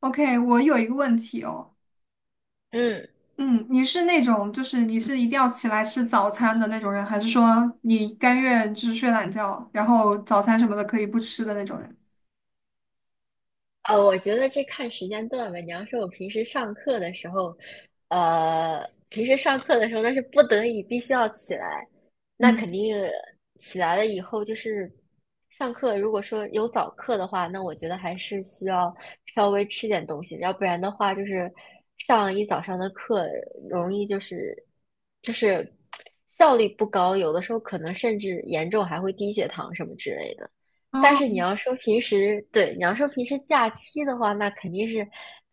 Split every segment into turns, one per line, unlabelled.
OK，我有一个问题哦，
嗯，
嗯，你是那种就是你是一定要起来吃早餐的那种人，还是说你甘愿就是睡懒觉，然后早餐什么的可以不吃的那种人？
我觉得这看时间段吧。你要说，我平时上课的时候，平时上课的时候那是不得已必须要起来，那
嗯，
肯定起来了以后就是上课。如果说有早课的话，那我觉得还是需要稍微吃点东西，要不然的话就是上一早上的课容易就是效率不高，有的时候可能甚至严重还会低血糖什么之类的。但是你
哦，
要说平时，对，你要说平时假期的话，那肯定是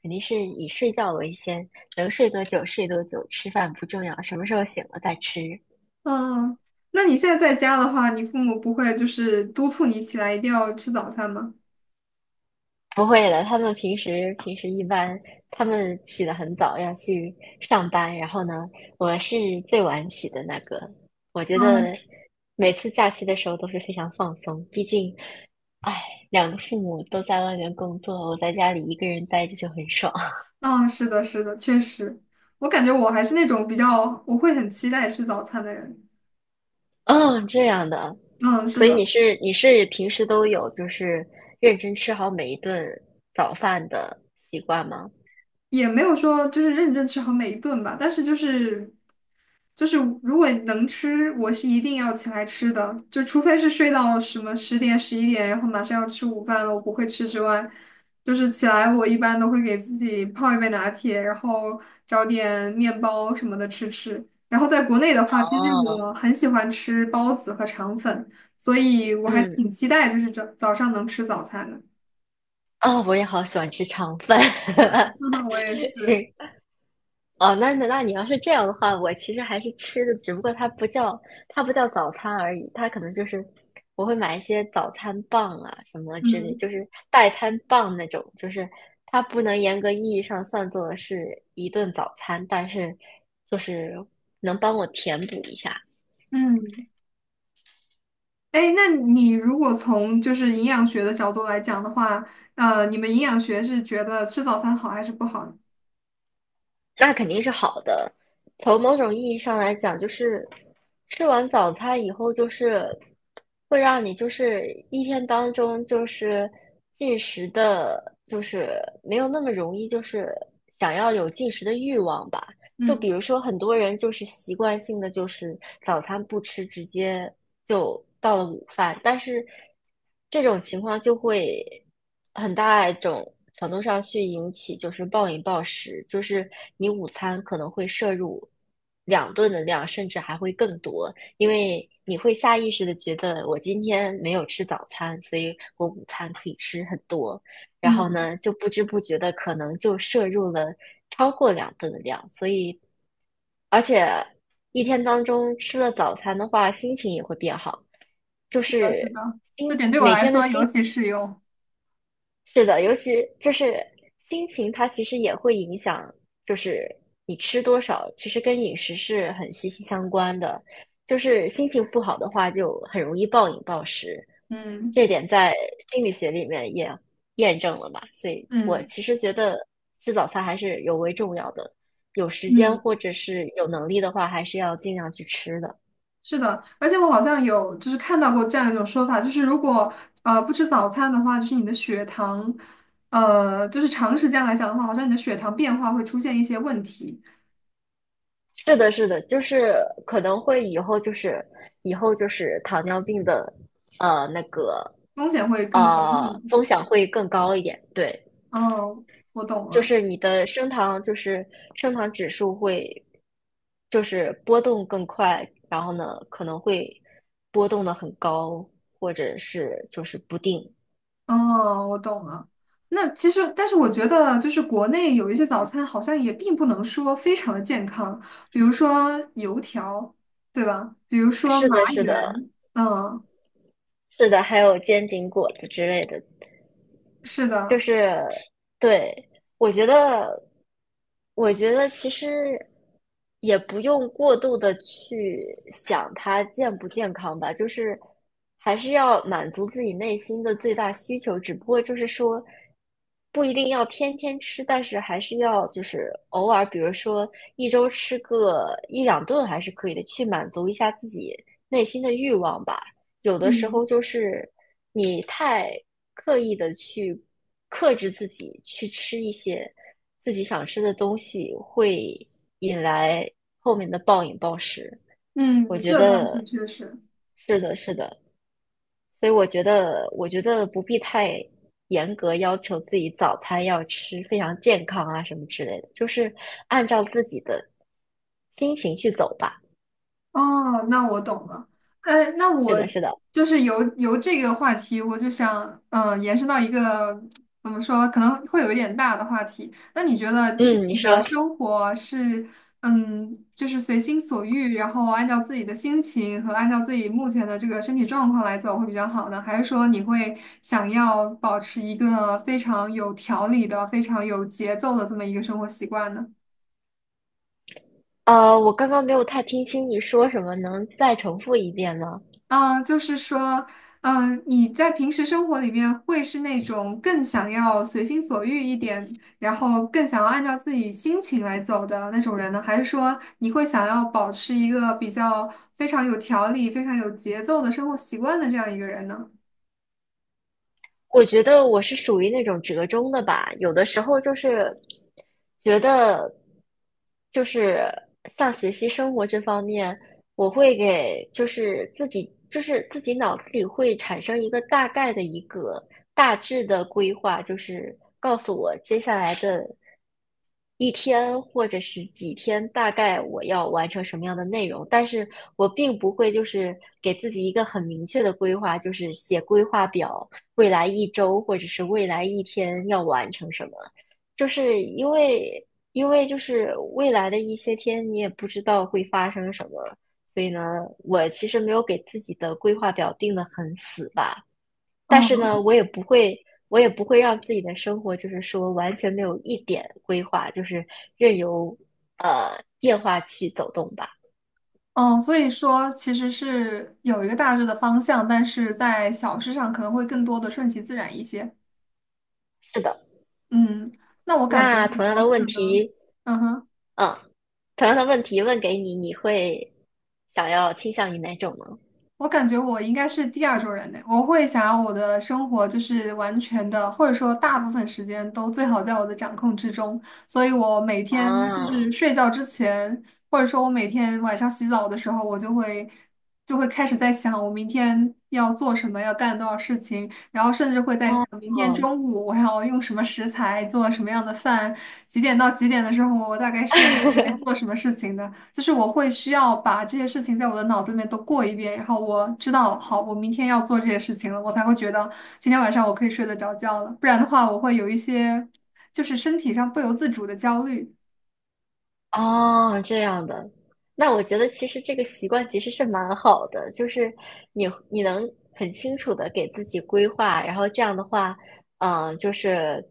肯定是以睡觉为先，能睡多久睡多久，吃饭不重要，什么时候醒了再吃。
嗯，那你现在在家的话，你父母不会就是督促你起来一定要吃早餐吗？
不会的，他们平时平时一般，他们起得很早，要去上班。然后呢，我是最晚起的那个。我觉
嗯
得每次假期的时候都是非常放松，毕竟，哎，两个父母都在外面工作，我在家里一个人待着就很爽。
嗯，是的，是的，确实，我感觉我还是那种比较我会很期待吃早餐的人。
嗯，这样的，
嗯，是
所以你
的。
是你是平时都有就是认真吃好每一顿早饭的习惯吗？
也没有说就是认真吃好每一顿吧，但是就是就是如果能吃，我是一定要起来吃的，就除非是睡到什么10点11点，然后马上要吃午饭了，我不会吃之外，就是起来我一般都会给自己泡一杯拿铁，然后找点面包什么的吃吃。然后在国内的话，其实
哦，
我很喜欢吃包子和肠粉，所以我还
嗯，
挺期待就是早早上能吃早餐的。
哦，我也好喜欢吃肠饭。
我也是，
哦，那你要是这样的话，我其实还是吃的，只不过它不叫早餐而已，它可能就是我会买一些早餐棒啊什么之类，
嗯。
就是代餐棒那种，就是它不能严格意义上算作是一顿早餐，但是就是能帮我填补一下。
嗯。哎，那你如果从就是营养学的角度来讲的话，你们营养学是觉得吃早餐好还是不好呢？
那肯定是好的。从某种意义上来讲，就是吃完早餐以后，就是会让你就是一天当中就是进食的，就是没有那么容易，就是想要有进食的欲望吧。就比
嗯，
如说，很多人就是习惯性的就是早餐不吃，直接就到了午饭，但是这种情况就会很大一种程度上去引起就是暴饮暴食，就是你午餐可能会摄入两顿的量，甚至还会更多，因为你会下意识的觉得我今天没有吃早餐，所以我午餐可以吃很多，然后
嗯，
呢，就不知不觉的可能就摄入了。超过两顿的量，所以而且一天当中吃了早餐的话，心情也会变好。就
我
是
知道，这
心，
点对我
没，
来说尤其适用。
是的，尤其就是心情，它其实也会影响，就是你吃多少，其实跟饮食是很息息相关的。就是心情不好的话，就很容易暴饮暴食，
嗯
这点在心理学里面也验证了吧？所以我
嗯
其实觉得吃早餐还是尤为重要的，有时间
嗯，
或者是有能力的话，还是要尽量去吃的。
是的，而且我好像有就是看到过这样一种说法，就是如果不吃早餐的话，就是你的血糖，就是长时间来讲的话，好像你的血糖变化会出现一些问题，
是的，是的，就是可能会以后就是糖尿病的那个
风险会更高。嗯
风险会更高一点，对，
哦，我懂
就
了。
是你的升糖指数会就是波动更快，然后呢可能会波动的很高，或者是就是不定。
哦，我懂了。那其实，但是我觉得，就是国内有一些早餐好像也并不能说非常的健康，比如说油条，对吧？比如说
是
麻
的，是的，
圆，嗯，
是的，还有煎饼果子之类的，
是
就
的，
是对，我觉得，我觉得其实也不用过度的去想它健不健康吧，就是还是要满足自己内心的最大需求，只不过就是说不一定要天天吃，但是还是要就是偶尔，比如说一周吃个一两顿还是可以的，去满足一下自己内心的欲望吧。有的时候
嗯
就是你太刻意的去克制自己，去吃一些自己想吃的东西，会引来后面的暴饮暴食。我
嗯，
觉
这倒是
得
确实。
是的，是的，所以我觉得，不必太严格要求自己早餐要吃非常健康啊什么之类的，就是按照自己的心情去走吧。
哦，那我懂了。那
是
我
的，是的，
就是由这个话题，我就想，延伸到一个怎么说，可能会有一点大的话题。那你觉得，就是
嗯，你
你的
说。
生活是，嗯，就是随心所欲，然后按照自己的心情和按照自己目前的这个身体状况来走会比较好呢？还是说你会想要保持一个非常有条理的、非常有节奏的这么一个生活习惯呢？
我刚刚没有太听清你说什么，能再重复一遍吗？
嗯，就是说，嗯，你在平时生活里面会是那种更想要随心所欲一点，然后更想要按照自己心情来走的那种人呢？还是说你会想要保持一个比较非常有条理、非常有节奏的生活习惯的这样一个人呢？
我觉得我是属于那种折中的吧，有的时候就是觉得，就是像学习生活这方面，我会给就是自己脑子里会产生一个大概的一个大致的规划，就是告诉我接下来的一天或者是几天，大概我要完成什么样的内容，但是我并不会就是给自己一个很明确的规划，就是写规划表，未来一周或者是未来一天要完成什么，就是因为就是未来的一些天你也不知道会发生什么，所以呢，我其实没有给自己的规划表定得很死吧。但是
哦，
呢，我也不会让自己的生活就是说完全没有一点规划，就是任由变化去走动吧。
哦，所以说其实是有一个大致的方向，但是在小事上可能会更多的顺其自然一些。
是的，
嗯，那我感觉
那同样
我
的问
可能，
题，
嗯哼。
嗯，同样的问题问给你，你会想要倾向于哪种呢？
我感觉我应该是第二种人呢，我会想要我的生活就是完全的，或者说大部分时间都最好在我的掌控之中，所以我每天就
啊，
是睡觉之前，或者说我每天晚上洗澡的时候，我就会开始在想我明天要做什么，要干多少事情，然后甚至会在想明天
哦。
中午我要用什么食材做什么样的饭，几点到几点的时候我大概是要来 做什么事情的。就是我会需要把这些事情在我的脑子里面都过一遍，然后我知道，好，我明天要做这些事情了，我才会觉得今天晚上我可以睡得着觉了。不然的话，我会有一些就是身体上不由自主的焦虑。
哦，这样的，那我觉得其实这个习惯其实是蛮好的，就是你能很清楚的给自己规划，然后这样的话，就是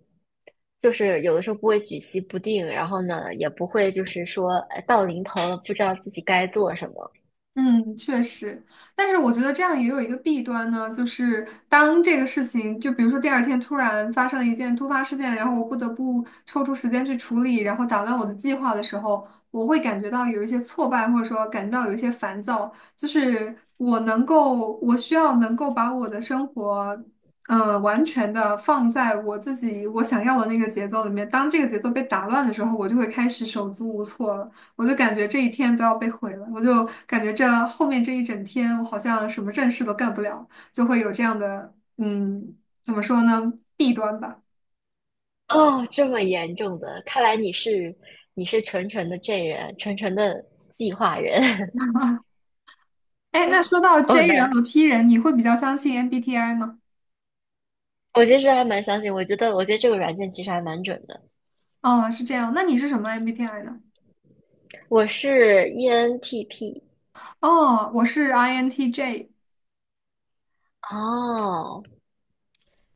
有的时候不会举棋不定，然后呢也不会就是说到临头了不知道自己该做什么。
嗯，确实，但是我觉得这样也有一个弊端呢，就是当这个事情，就比如说第二天突然发生了一件突发事件，然后我不得不抽出时间去处理，然后打乱我的计划的时候，我会感觉到有一些挫败，或者说感到有一些烦躁，就是我能够，我需要能够把我的生活，完全的放在我自己我想要的那个节奏里面，当这个节奏被打乱的时候，我就会开始手足无措了。我就感觉这一天都要被毁了，我就感觉这后面这一整天，我好像什么正事都干不了，就会有这样的，嗯，怎么说呢，弊端吧。
哦，这么严重的，看来你是纯纯的 J 人，纯纯的计划人。
哎，那说到
哦，
J 人
那
和 P 人，你会比较相信 MBTI 吗？
我其实还蛮相信，我觉得这个软件其实还蛮准的。
哦，是这样，那你是什么 MBTI 呢？
我是 ENTP，
哦，我是 INTJ。
哦，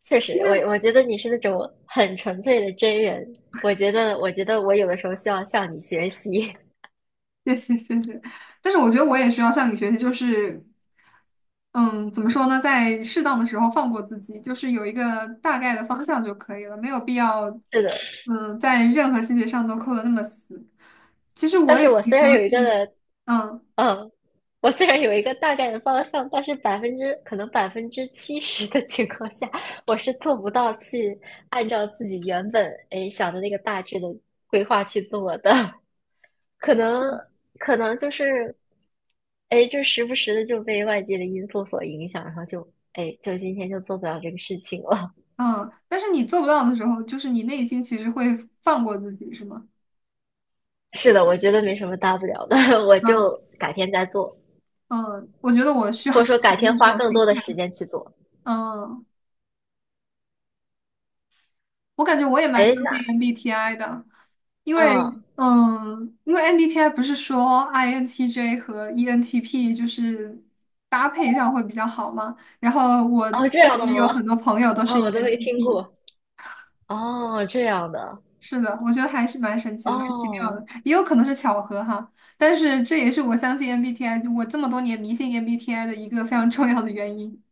确实，我觉得你是那种很纯粹的真人。我觉得我有的时候需要向你学习。
谢谢谢谢，但是我觉得我也需要向你学习，就是嗯，怎么说呢，在适当的时候放过自己，就是有一个大概的方向就可以了，没有必要，
是的，
在任何细节上都扣得那么死。其实我
但
也
是
挺相信，嗯
嗯，我虽然有一个大概的方向，但是70%的情况下，我是做不到去按照自己原本想的那个大致的规划去做的。可能可能就是，哎，就时不时的就被外界的因素所影响，然后就哎，就今天就做不了这个事情了。
嗯，但是你做不到的时候，就是你内心其实会放过自己，是吗？
是的，我觉得没什么大不了的，我就
嗯
改天再做，
嗯，我觉得我需要
或
学
者说
习
改
的
天
是这
花
种
更
心
多的时
态。
间去做。
嗯，我感觉我也蛮
哎，
相信
那
MBTI 的。因为，
嗯，
因为 MBTI 不是说 INTJ 和 ENTP 就是搭配上会比较好吗？然后我
哦，这
确
样的
实有
吗？
很多朋友都
啊、
是
我都没听
ENTP,
过。哦，这样的。
是的，我觉得还是蛮神奇的，蛮奇妙
哦，
的，也有可能是巧合哈。但是这也是我相信 MBTI,我这么多年迷信 MBTI 的一个非常重要的原因。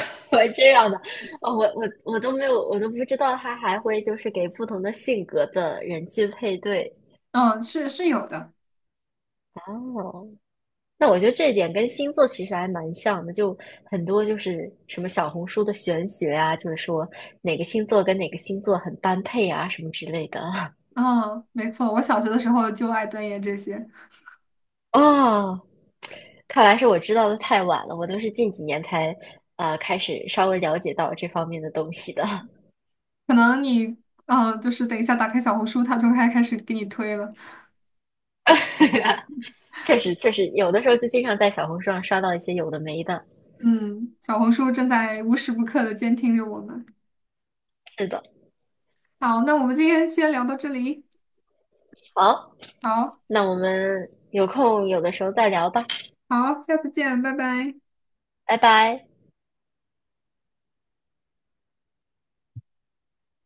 我这样的。哦，我都没有，我都不知道他还会就是给不同的性格的人去配对。
嗯，是是有的。
哦。那我觉得这一点跟星座其实还蛮像的，就很多就是什么小红书的玄学啊，就是说哪个星座跟哪个星座很般配啊，什么之类的。
嗯，没错，我小学的时候就爱钻研这些，
哦，看来是我知道的太晚了，我都是近几年才开始稍微了解到这方面的东西的。
可能你，就是等一下打开小红书，它就开始给你推了。
确实有的时候就经常在小红书上刷到一些有的没的。
嗯，小红书正在无时不刻的监听着我们。
是的，
好，那我们今天先聊到这里。
好，
好，
那我们有空有的时候再聊吧，
好，下次见，拜拜。
拜拜。